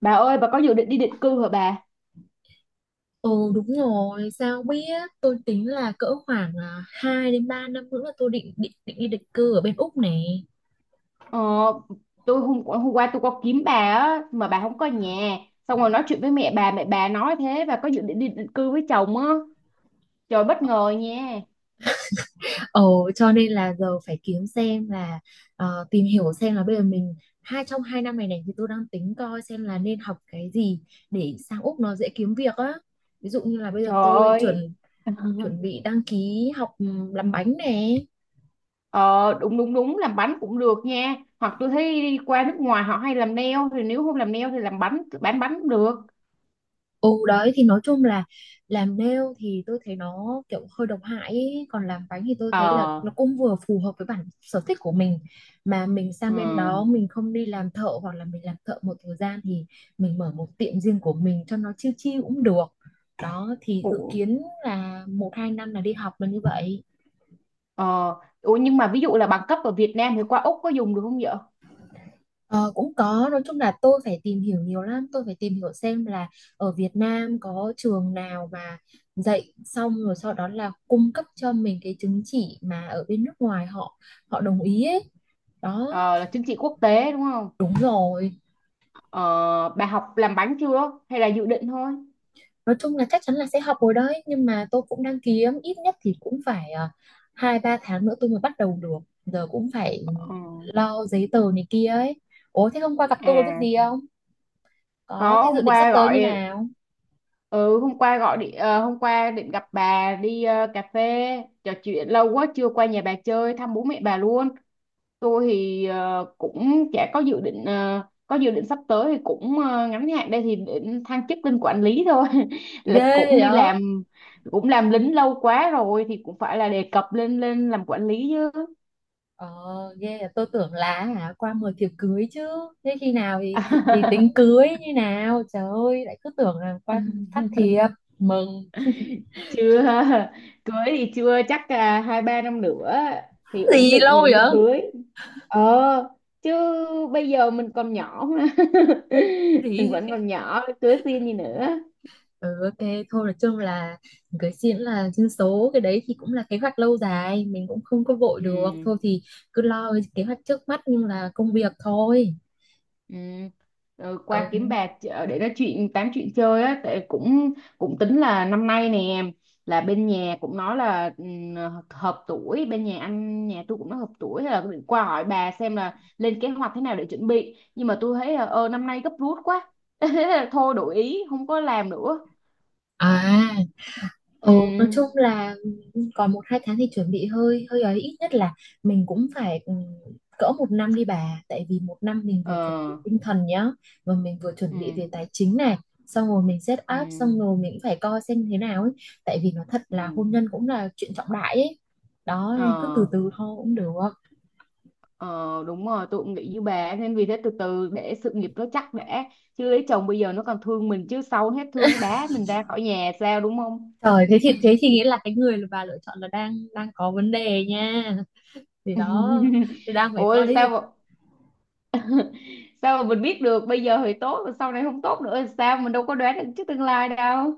Bà ơi, bà có dự định đi định cư hả bà? Ừ đúng rồi, sao biết tôi tính là cỡ khoảng 2 đến 3 năm nữa là tôi định định định đi định cư ở bên Úc này. Ờ, tôi hôm hôm qua tôi có kiếm bà á mà bà không có nhà. Xong rồi nói chuyện với mẹ bà nói thế bà có dự định đi định cư với chồng á. Trời, bất ngờ nha. Ờ, cho nên là giờ phải kiếm xem là tìm hiểu xem là bây giờ mình trong hai năm này này thì tôi đang tính coi xem là nên học cái gì để sang Úc nó dễ kiếm việc á. Ví dụ như là bây giờ Trời tôi ơi. chuẩn chuẩn bị đăng ký học làm bánh nè. Ờ, đúng đúng đúng, làm bánh cũng được nha. Hoặc tôi thấy đi qua nước ngoài họ hay làm nail, thì nếu không làm nail thì làm bánh, bán bánh cũng được. Ừ, đấy thì nói chung là làm nail thì tôi thấy nó kiểu hơi độc hại ý. Còn làm bánh thì tôi thấy là Ờ. nó cũng vừa phù hợp với bản sở thích của mình, mà mình sang bên Ừ. đó mình không đi làm thợ hoặc là mình làm thợ một thời gian thì mình mở một tiệm riêng của mình cho nó chill chill cũng được. Đó thì dự Ủa, kiến là một hai năm là đi học là như vậy. ờ Ủa nhưng mà ví dụ là bằng cấp ở Việt Nam thì qua Úc có dùng được không vậy? Ờ, cũng có, nói chung là tôi phải tìm hiểu nhiều lắm, tôi phải tìm hiểu xem là ở Việt Nam có trường nào mà dạy xong rồi sau đó là cung cấp cho mình cái chứng chỉ mà ở bên nước ngoài họ họ đồng ý ấy đó. Ờ, là chứng chỉ quốc tế đúng không? Đúng rồi, Ờ, bà học làm bánh chưa hay là dự định thôi? nói chung là chắc chắn là sẽ học rồi đấy, nhưng mà tôi cũng đang kiếm, ít nhất thì cũng phải hai ba tháng nữa tôi mới bắt đầu được, giờ cũng phải Ờ, lo giấy tờ này kia ấy. Ủa thế hôm qua gặp tôi có việc à, gì không, có có, thế dự hôm định sắp qua tới như gọi. nào, Ừ, hôm qua gọi đi, hôm qua định gặp bà đi cà phê, trò chuyện lâu quá chưa qua nhà bà chơi thăm bố mẹ bà luôn. Tôi thì cũng chả có dự định, có dự định sắp tới thì cũng ngắn hạn đây, thì định thăng chức lên quản lý thôi là ghê cũng vậy. đi làm, cũng làm lính lâu quá rồi thì cũng phải là đề cập lên lên làm quản lý chứ. Ờ, ghê à. Tôi tưởng là hả qua 10 thiệp cưới chứ. Thế khi nào thì tính cưới như nào? Trời ơi, lại cứ tưởng là qua phát thiệp mừng. Chưa. Cưới thì chưa chắc là 2 3 năm nữa thì ổn Gì định lâu rồi vậy, mới cưới. Ờ, chứ bây giờ mình còn nhỏ mà. Mình vẫn gì. còn nhỏ, cưới xin gì nữa. Ừ, ok, thôi nói chung là cưới xin là dân số cái đấy thì cũng là kế hoạch lâu dài, mình cũng không có vội được. Ừ. Thôi thì cứ lo cái kế hoạch trước mắt nhưng là công việc thôi. Ừ. Rồi qua Ừ. kiếm bạc để nói chuyện, tám chuyện chơi á, tại cũng cũng tính là năm nay nè, là bên nhà cũng nói là, hợp tuổi, bên nhà anh nhà tôi cũng nói hợp tuổi, hay là tôi định qua hỏi bà xem là lên kế hoạch thế nào để chuẩn bị, nhưng mà tôi thấy là năm nay gấp rút quá. Thế là thôi, đổi ý không có làm nữa. À, ừ, nói Ừ. chung là còn một hai tháng thì chuẩn bị hơi hơi ấy, ít nhất là mình cũng phải cỡ một năm đi bà, tại vì một năm mình vừa chuẩn bị Ờ. tinh thần nhá, và mình vừa chuẩn bị Ừ. về tài chính này, xong rồi mình set up Ừ. xong rồi mình cũng phải coi xem thế nào ấy, tại vì nó thật là Ừ. hôn nhân cũng là chuyện trọng đại ấy đó, nên cứ từ Ờ. từ thôi cũng được. Ờ, đúng rồi, tôi cũng nghĩ như bà ấy, nên vì thế từ từ để sự nghiệp nó chắc đã, chứ lấy chồng bây giờ nó còn thương mình, chứ sau hết thương nó đá mình ra khỏi nhà sao, đúng không? Trời, thế thì nghĩa là cái người mà bà lựa chọn là đang đang có vấn đề nha, thì ừ. Đó thì đang phải coi Ôi đấy. Sao mà mình biết được bây giờ thì tốt rồi sau này không tốt nữa thì sao, mình đâu có đoán được trước tương lai đâu.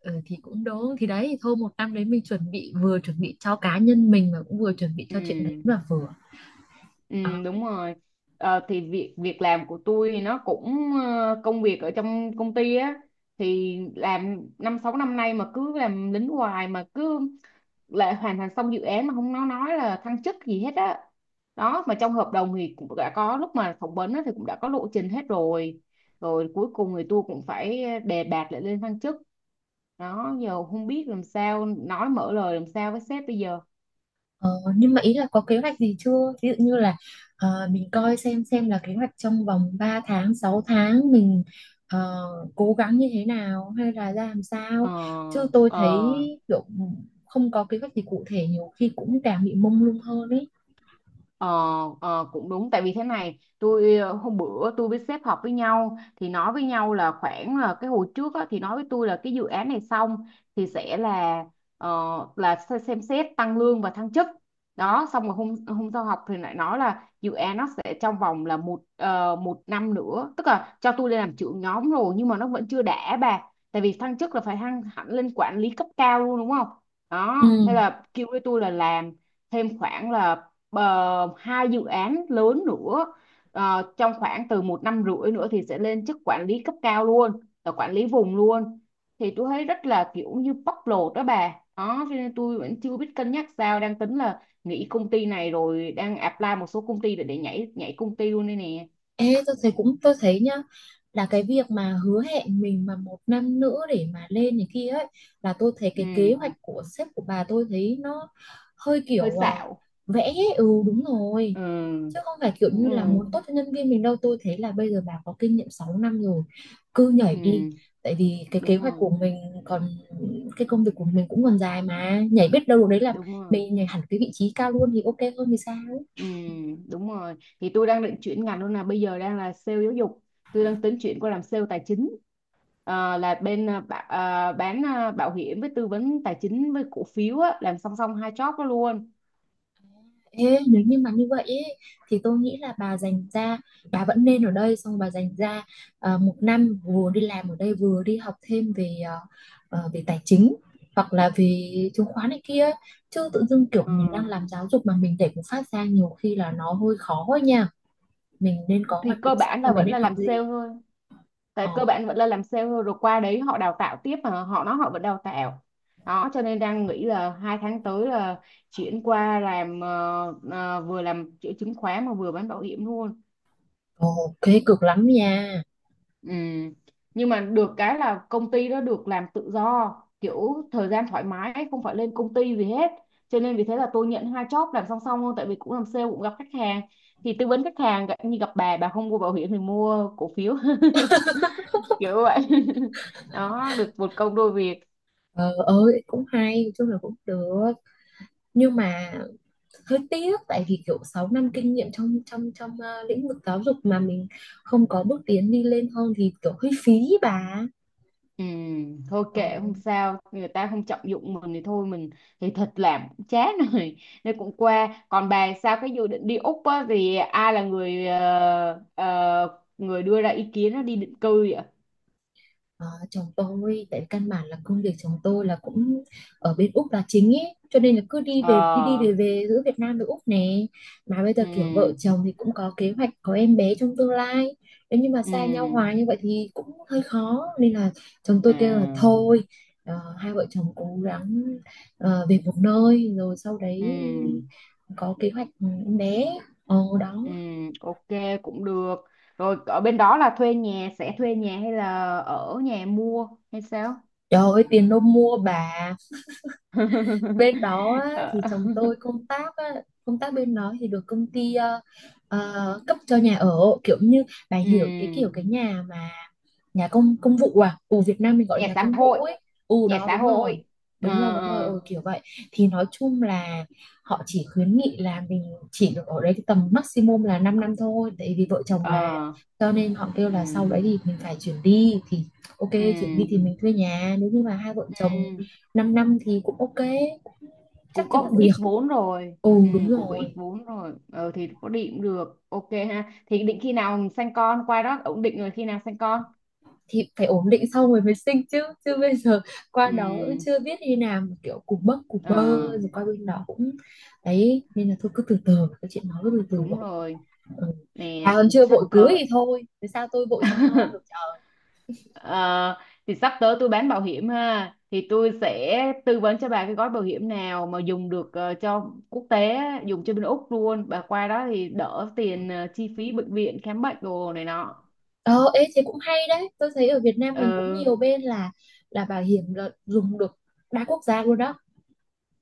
Ừ, thì cũng đúng, thì đấy thôi một năm đấy mình chuẩn bị, vừa chuẩn bị cho cá nhân mình mà cũng vừa chuẩn bị cho chuyện đấy Ừ. cũng là vừa. Ừ, Ờ, đúng rồi. Ờ, thì việc việc làm của tôi thì nó cũng, công việc ở trong công ty á, thì làm 5 6 năm nay mà cứ làm lính hoài, mà cứ lại hoàn thành xong dự án mà không, nó nói là thăng chức gì hết á. Đó, mà trong hợp đồng thì cũng đã có lúc mà phỏng vấn á, thì cũng đã có lộ trình hết rồi, rồi cuối cùng thì tôi cũng phải đề bạt lại lên thăng chức. Đó, giờ không biết làm sao, nói mở lời làm sao với sếp bây giờ. ờ, nhưng mà ý là có kế hoạch gì chưa? Ví dụ như là mình coi xem là kế hoạch trong vòng 3 tháng, 6 tháng mình ờ, cố gắng như thế nào hay là ra làm Ờ. sao. Chứ tôi Ờ. thấy kiểu không có kế hoạch gì cụ thể nhiều khi cũng càng bị mông lung hơn ấy. Ờ, cũng đúng, tại vì thế này tôi hôm bữa tôi với sếp họp với nhau thì nói với nhau là khoảng là cái hồi trước á, thì nói với tôi là cái dự án này xong thì sẽ là ờ, xem xét tăng lương và thăng chức. Đó, xong rồi hôm hôm sau họp thì lại nói là dự án nó sẽ trong vòng là một năm nữa, tức là cho tôi lên làm trưởng nhóm rồi, nhưng mà nó vẫn chưa đã bà, tại vì thăng chức là phải thăng hẳn lên quản lý cấp cao luôn đúng không. Đó, Ừ. thế là kêu với tôi là làm thêm khoảng là hai dự án lớn nữa. Ờ, trong khoảng từ một năm rưỡi nữa thì sẽ lên chức quản lý cấp cao luôn, là quản lý vùng luôn. Thì tôi thấy rất là kiểu như bóc lột đó bà, đó cho nên tôi vẫn chưa biết cân nhắc sao, đang tính là nghỉ công ty này rồi đang apply một số công ty để nhảy nhảy công ty luôn đây nè. Ê, tôi thấy, cũng tôi thấy nhá, là cái việc mà hứa hẹn mình mà một năm nữa để mà lên này kia ấy, là tôi thấy cái kế Ừ. hoạch của sếp của bà tôi thấy nó hơi Hơi kiểu xạo. vẽ ấy. Ừ, đúng rồi, Ừ, chứ không phải kiểu đúng như là rồi. muốn tốt cho nhân viên mình đâu. Tôi thấy là bây giờ bà có kinh nghiệm 6 năm rồi, cứ nhảy đi, Ừ, tại vì cái kế đúng hoạch rồi, của mình còn, cái công việc của mình cũng còn dài, mà nhảy biết đâu đấy là đúng rồi. mình nhảy hẳn cái vị trí cao luôn thì ok hơn thì sao. Ừ, đúng rồi. Thì tôi đang định chuyển ngành luôn là bây giờ đang là sale giáo dục. Tôi đang tính chuyển qua làm sale tài chính. Ờ, là bên bán bảo hiểm, với tư vấn tài chính, với cổ phiếu á, làm song song hai job đó luôn. Ê, nếu như mà như vậy ý, thì tôi nghĩ là bà dành ra, bà vẫn nên ở đây xong bà dành ra một năm vừa đi làm ở đây vừa đi học thêm về về tài chính hoặc là về chứng khoán này kia, chứ tự dưng kiểu Ờ, mình đang làm giáo dục mà mình để một phát ra nhiều khi là nó hơi khó ấy nha. Mình nên có thì hoạch cơ định sẵn bản là là mình vẫn nên là học làm sale gì. thôi. Ờ, Tại cơ bản vẫn là làm sale thôi, rồi qua đấy họ đào tạo tiếp mà họ nói họ vẫn đào tạo. Đó cho nên đang nghĩ là 2 tháng tới là chuyển qua làm vừa làm chữa chứng khoán mà vừa bán bảo hiểm luôn. ok, cực lắm nha. Ừ. Nhưng mà được cái là công ty đó được làm tự do, kiểu thời gian thoải mái, không phải lên công ty gì hết, cho nên vì thế là tôi nhận hai job làm song song luôn, tại vì cũng làm sale cũng gặp khách hàng, thì tư vấn khách hàng, như gặp bà không mua bảo hiểm thì mua cổ phiếu. Kiểu vậy. Đó, được một công đôi việc. Ờ ơi, cũng hay, nói chung là cũng được, nhưng mà hơi tiếc tại vì kiểu 6 năm kinh nghiệm trong trong trong lĩnh vực giáo dục mà mình không có bước tiến đi lên hơn thì kiểu hơi phí ý bà. Ừ, thôi Ờ. kệ, không sao, người ta không trọng dụng mình thì thôi mình, thì thật làm cũng chán rồi, nên cũng qua. Còn bà sao, cái dự định đi Úc á, thì ai là người người đưa ra ý kiến nó đi định cư vậy? Ờ, chồng tôi, tại căn bản là công việc chồng tôi là cũng ở bên Úc là chính ấy, cho nên là cứ đi Ờ. về, đi đi về về giữa Việt Nam với Úc nè, mà bây giờ kiểu vợ Ừ. chồng thì cũng có kế hoạch có em bé trong tương lai, nếu như mà xa nhau Ừ. hoài như vậy thì cũng hơi khó, nên là chồng À. tôi kêu là thôi hai vợ chồng cố gắng về một nơi rồi sau đấy Ừ. có kế hoạch em bé. Ồ đó. Ừ. Ok, cũng được. Rồi ở bên đó là thuê nhà, sẽ thuê nhà hay là ở nhà mua hay sao? Trời ơi tiền đâu mua bà. Bên đó á, thì Ờ. chồng tôi công tác á, công tác bên đó thì được công ty cấp cho nhà ở, kiểu như bà Ừ. hiểu cái kiểu cái nhà mà nhà công công vụ à, ừ Việt Nam mình gọi là Nhà nhà xã công hội. vụ ấy. Ừ Nhà đó xã đúng rồi. hội. Ờ. Đúng rồi Ờ. ừ, kiểu vậy. Thì nói chung là họ chỉ khuyến nghị là mình chỉ được ở đây cái tầm maximum là 5 năm thôi tại vì vợ chồng Ờ. mà, cho nên họ kêu Ừ. là sau đấy thì mình phải chuyển đi thì ok. Ừ. Chuyển đi thì mình thuê nhà nếu như mà hai vợ chồng Ừ. 5 năm năm thì cũng ok, chắc Cũng kiếm được có việc. ít vốn rồi. Ừ Ừ, đúng cũng có ít rồi. vốn rồi. Ờ, thì có định cũng được, ok ha, thì định khi nào mình sanh con qua đó ổn định rồi khi nào sanh con. Thì phải ổn định xong rồi mới sinh chứ, chứ bây giờ qua đó cũng Ừ. chưa biết như nào mà kiểu cục bấc cục Ờ, bơ, rồi qua bên đó cũng, đấy nên là thôi cứ từ từ cái chuyện, nói cứ từ từ đúng vậy. rồi. Ừ. Bà Nè còn chưa sắp vội cưới tới. thì thôi thế sao tôi vội sinh con được trời. Ờ, thì sắp tới tôi bán bảo hiểm ha, thì tôi sẽ tư vấn cho bà cái gói bảo hiểm nào mà dùng được cho quốc tế á, dùng cho bên Úc luôn, bà qua đó thì đỡ tiền chi phí bệnh viện khám bệnh đồ này nọ. Ờ ê thế cũng hay đấy, tôi thấy ở Việt Nam Ờ. mình cũng nhiều bên là bảo hiểm là dùng được đa quốc gia luôn đó.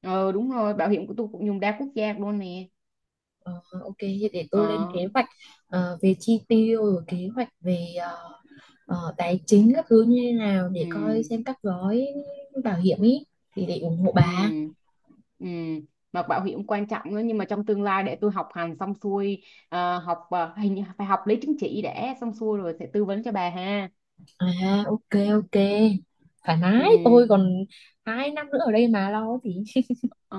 Ờ, đúng rồi, bảo hiểm của tôi cũng dùng đa quốc gia luôn nè. Ờ, ok thì để tôi lên kế Ờ. hoạch về chi tiêu rồi kế hoạch về tài chính các thứ như thế nào để coi Ừ. xem các gói bảo hiểm ý, thì để ủng hộ Ừ. bà. Ừ, mà bảo hiểm quan trọng nữa, nhưng mà trong tương lai để tôi học hành xong xuôi, học hình như phải học lấy chứng chỉ để xong xuôi rồi sẽ tư vấn cho bà ha. À ok ok, thoải mái, Ừ. tôi còn hai năm nữa ở đây mà lo thì. Ờ.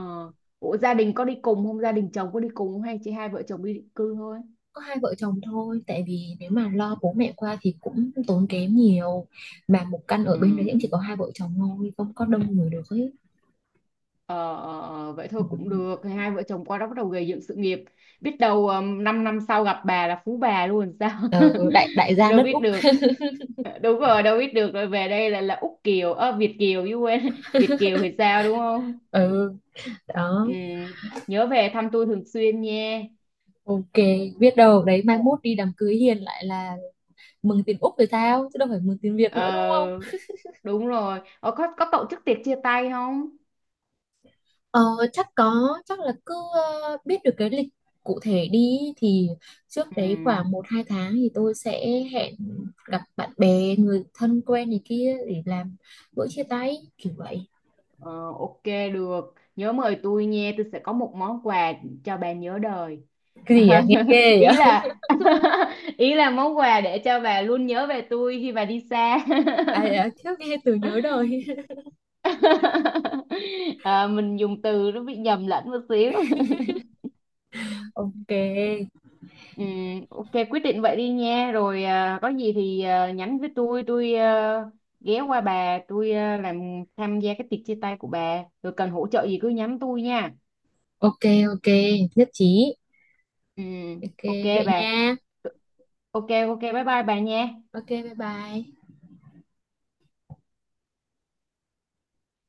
Ủa gia đình có đi cùng không? Gia đình chồng có đi cùng không? Hay chỉ hai vợ chồng đi định cư thôi? Có hai vợ chồng thôi tại vì nếu mà lo bố mẹ qua thì cũng tốn kém nhiều, mà một căn ở bên đấy Ừ. cũng chỉ có hai vợ chồng thôi không có đông người được ấy. Ờ, Vậy Ừ. thôi cũng được. Thì hai vợ chồng qua đó bắt đầu gây dựng sự nghiệp, biết đâu 5 năm năm sau gặp bà là phú bà luôn sao. Ờ, đại đại gia Đâu đất biết Úc. được. Đúng rồi, đâu biết được. Rồi về đây là Úc Kiều, Việt Kiều chứ, quên, Việt Kiều thì sao đúng không. Ừ đó. Ừ. Nhớ về thăm tôi thường xuyên nha. Ok, biết đâu đấy mai mốt đi đám cưới hiền lại là mừng tiền Úc rồi sao chứ đâu phải mừng tiền Việt nữa đúng không. Ờ, đúng rồi. Ờ, có tổ chức tiệc chia tay không? Ờ, chắc có, chắc là cứ biết được cái lịch cụ thể đi thì trước đấy Ừ. khoảng một hai tháng thì tôi sẽ hẹn gặp bạn bè người thân quen này kia để làm bữa chia tay kiểu vậy. Ờ, ok, được, nhớ mời tôi nha, tôi sẽ có một món quà cho bà nhớ đời. Cái gì nghe ghê Ý vậy. là, ý là món quà để cho bà luôn nhớ về tôi khi bà đi xa. À, à thiếu nghe từ nhớ đời. À, mình dùng từ nó bị nhầm lẫn một xíu. Ừ. Ok Ừ, ok quyết định vậy đi nha, rồi có gì thì nhắn với tôi, tôi ghé qua bà, tôi làm tham gia cái tiệc chia tay của bà, rồi cần hỗ trợ gì cứ nhắn tôi nha. ok. Ok, nhất trí. Ừ, Ok ok vậy bà. nha. Ok ok bye bye bà nha. Ok bye bye.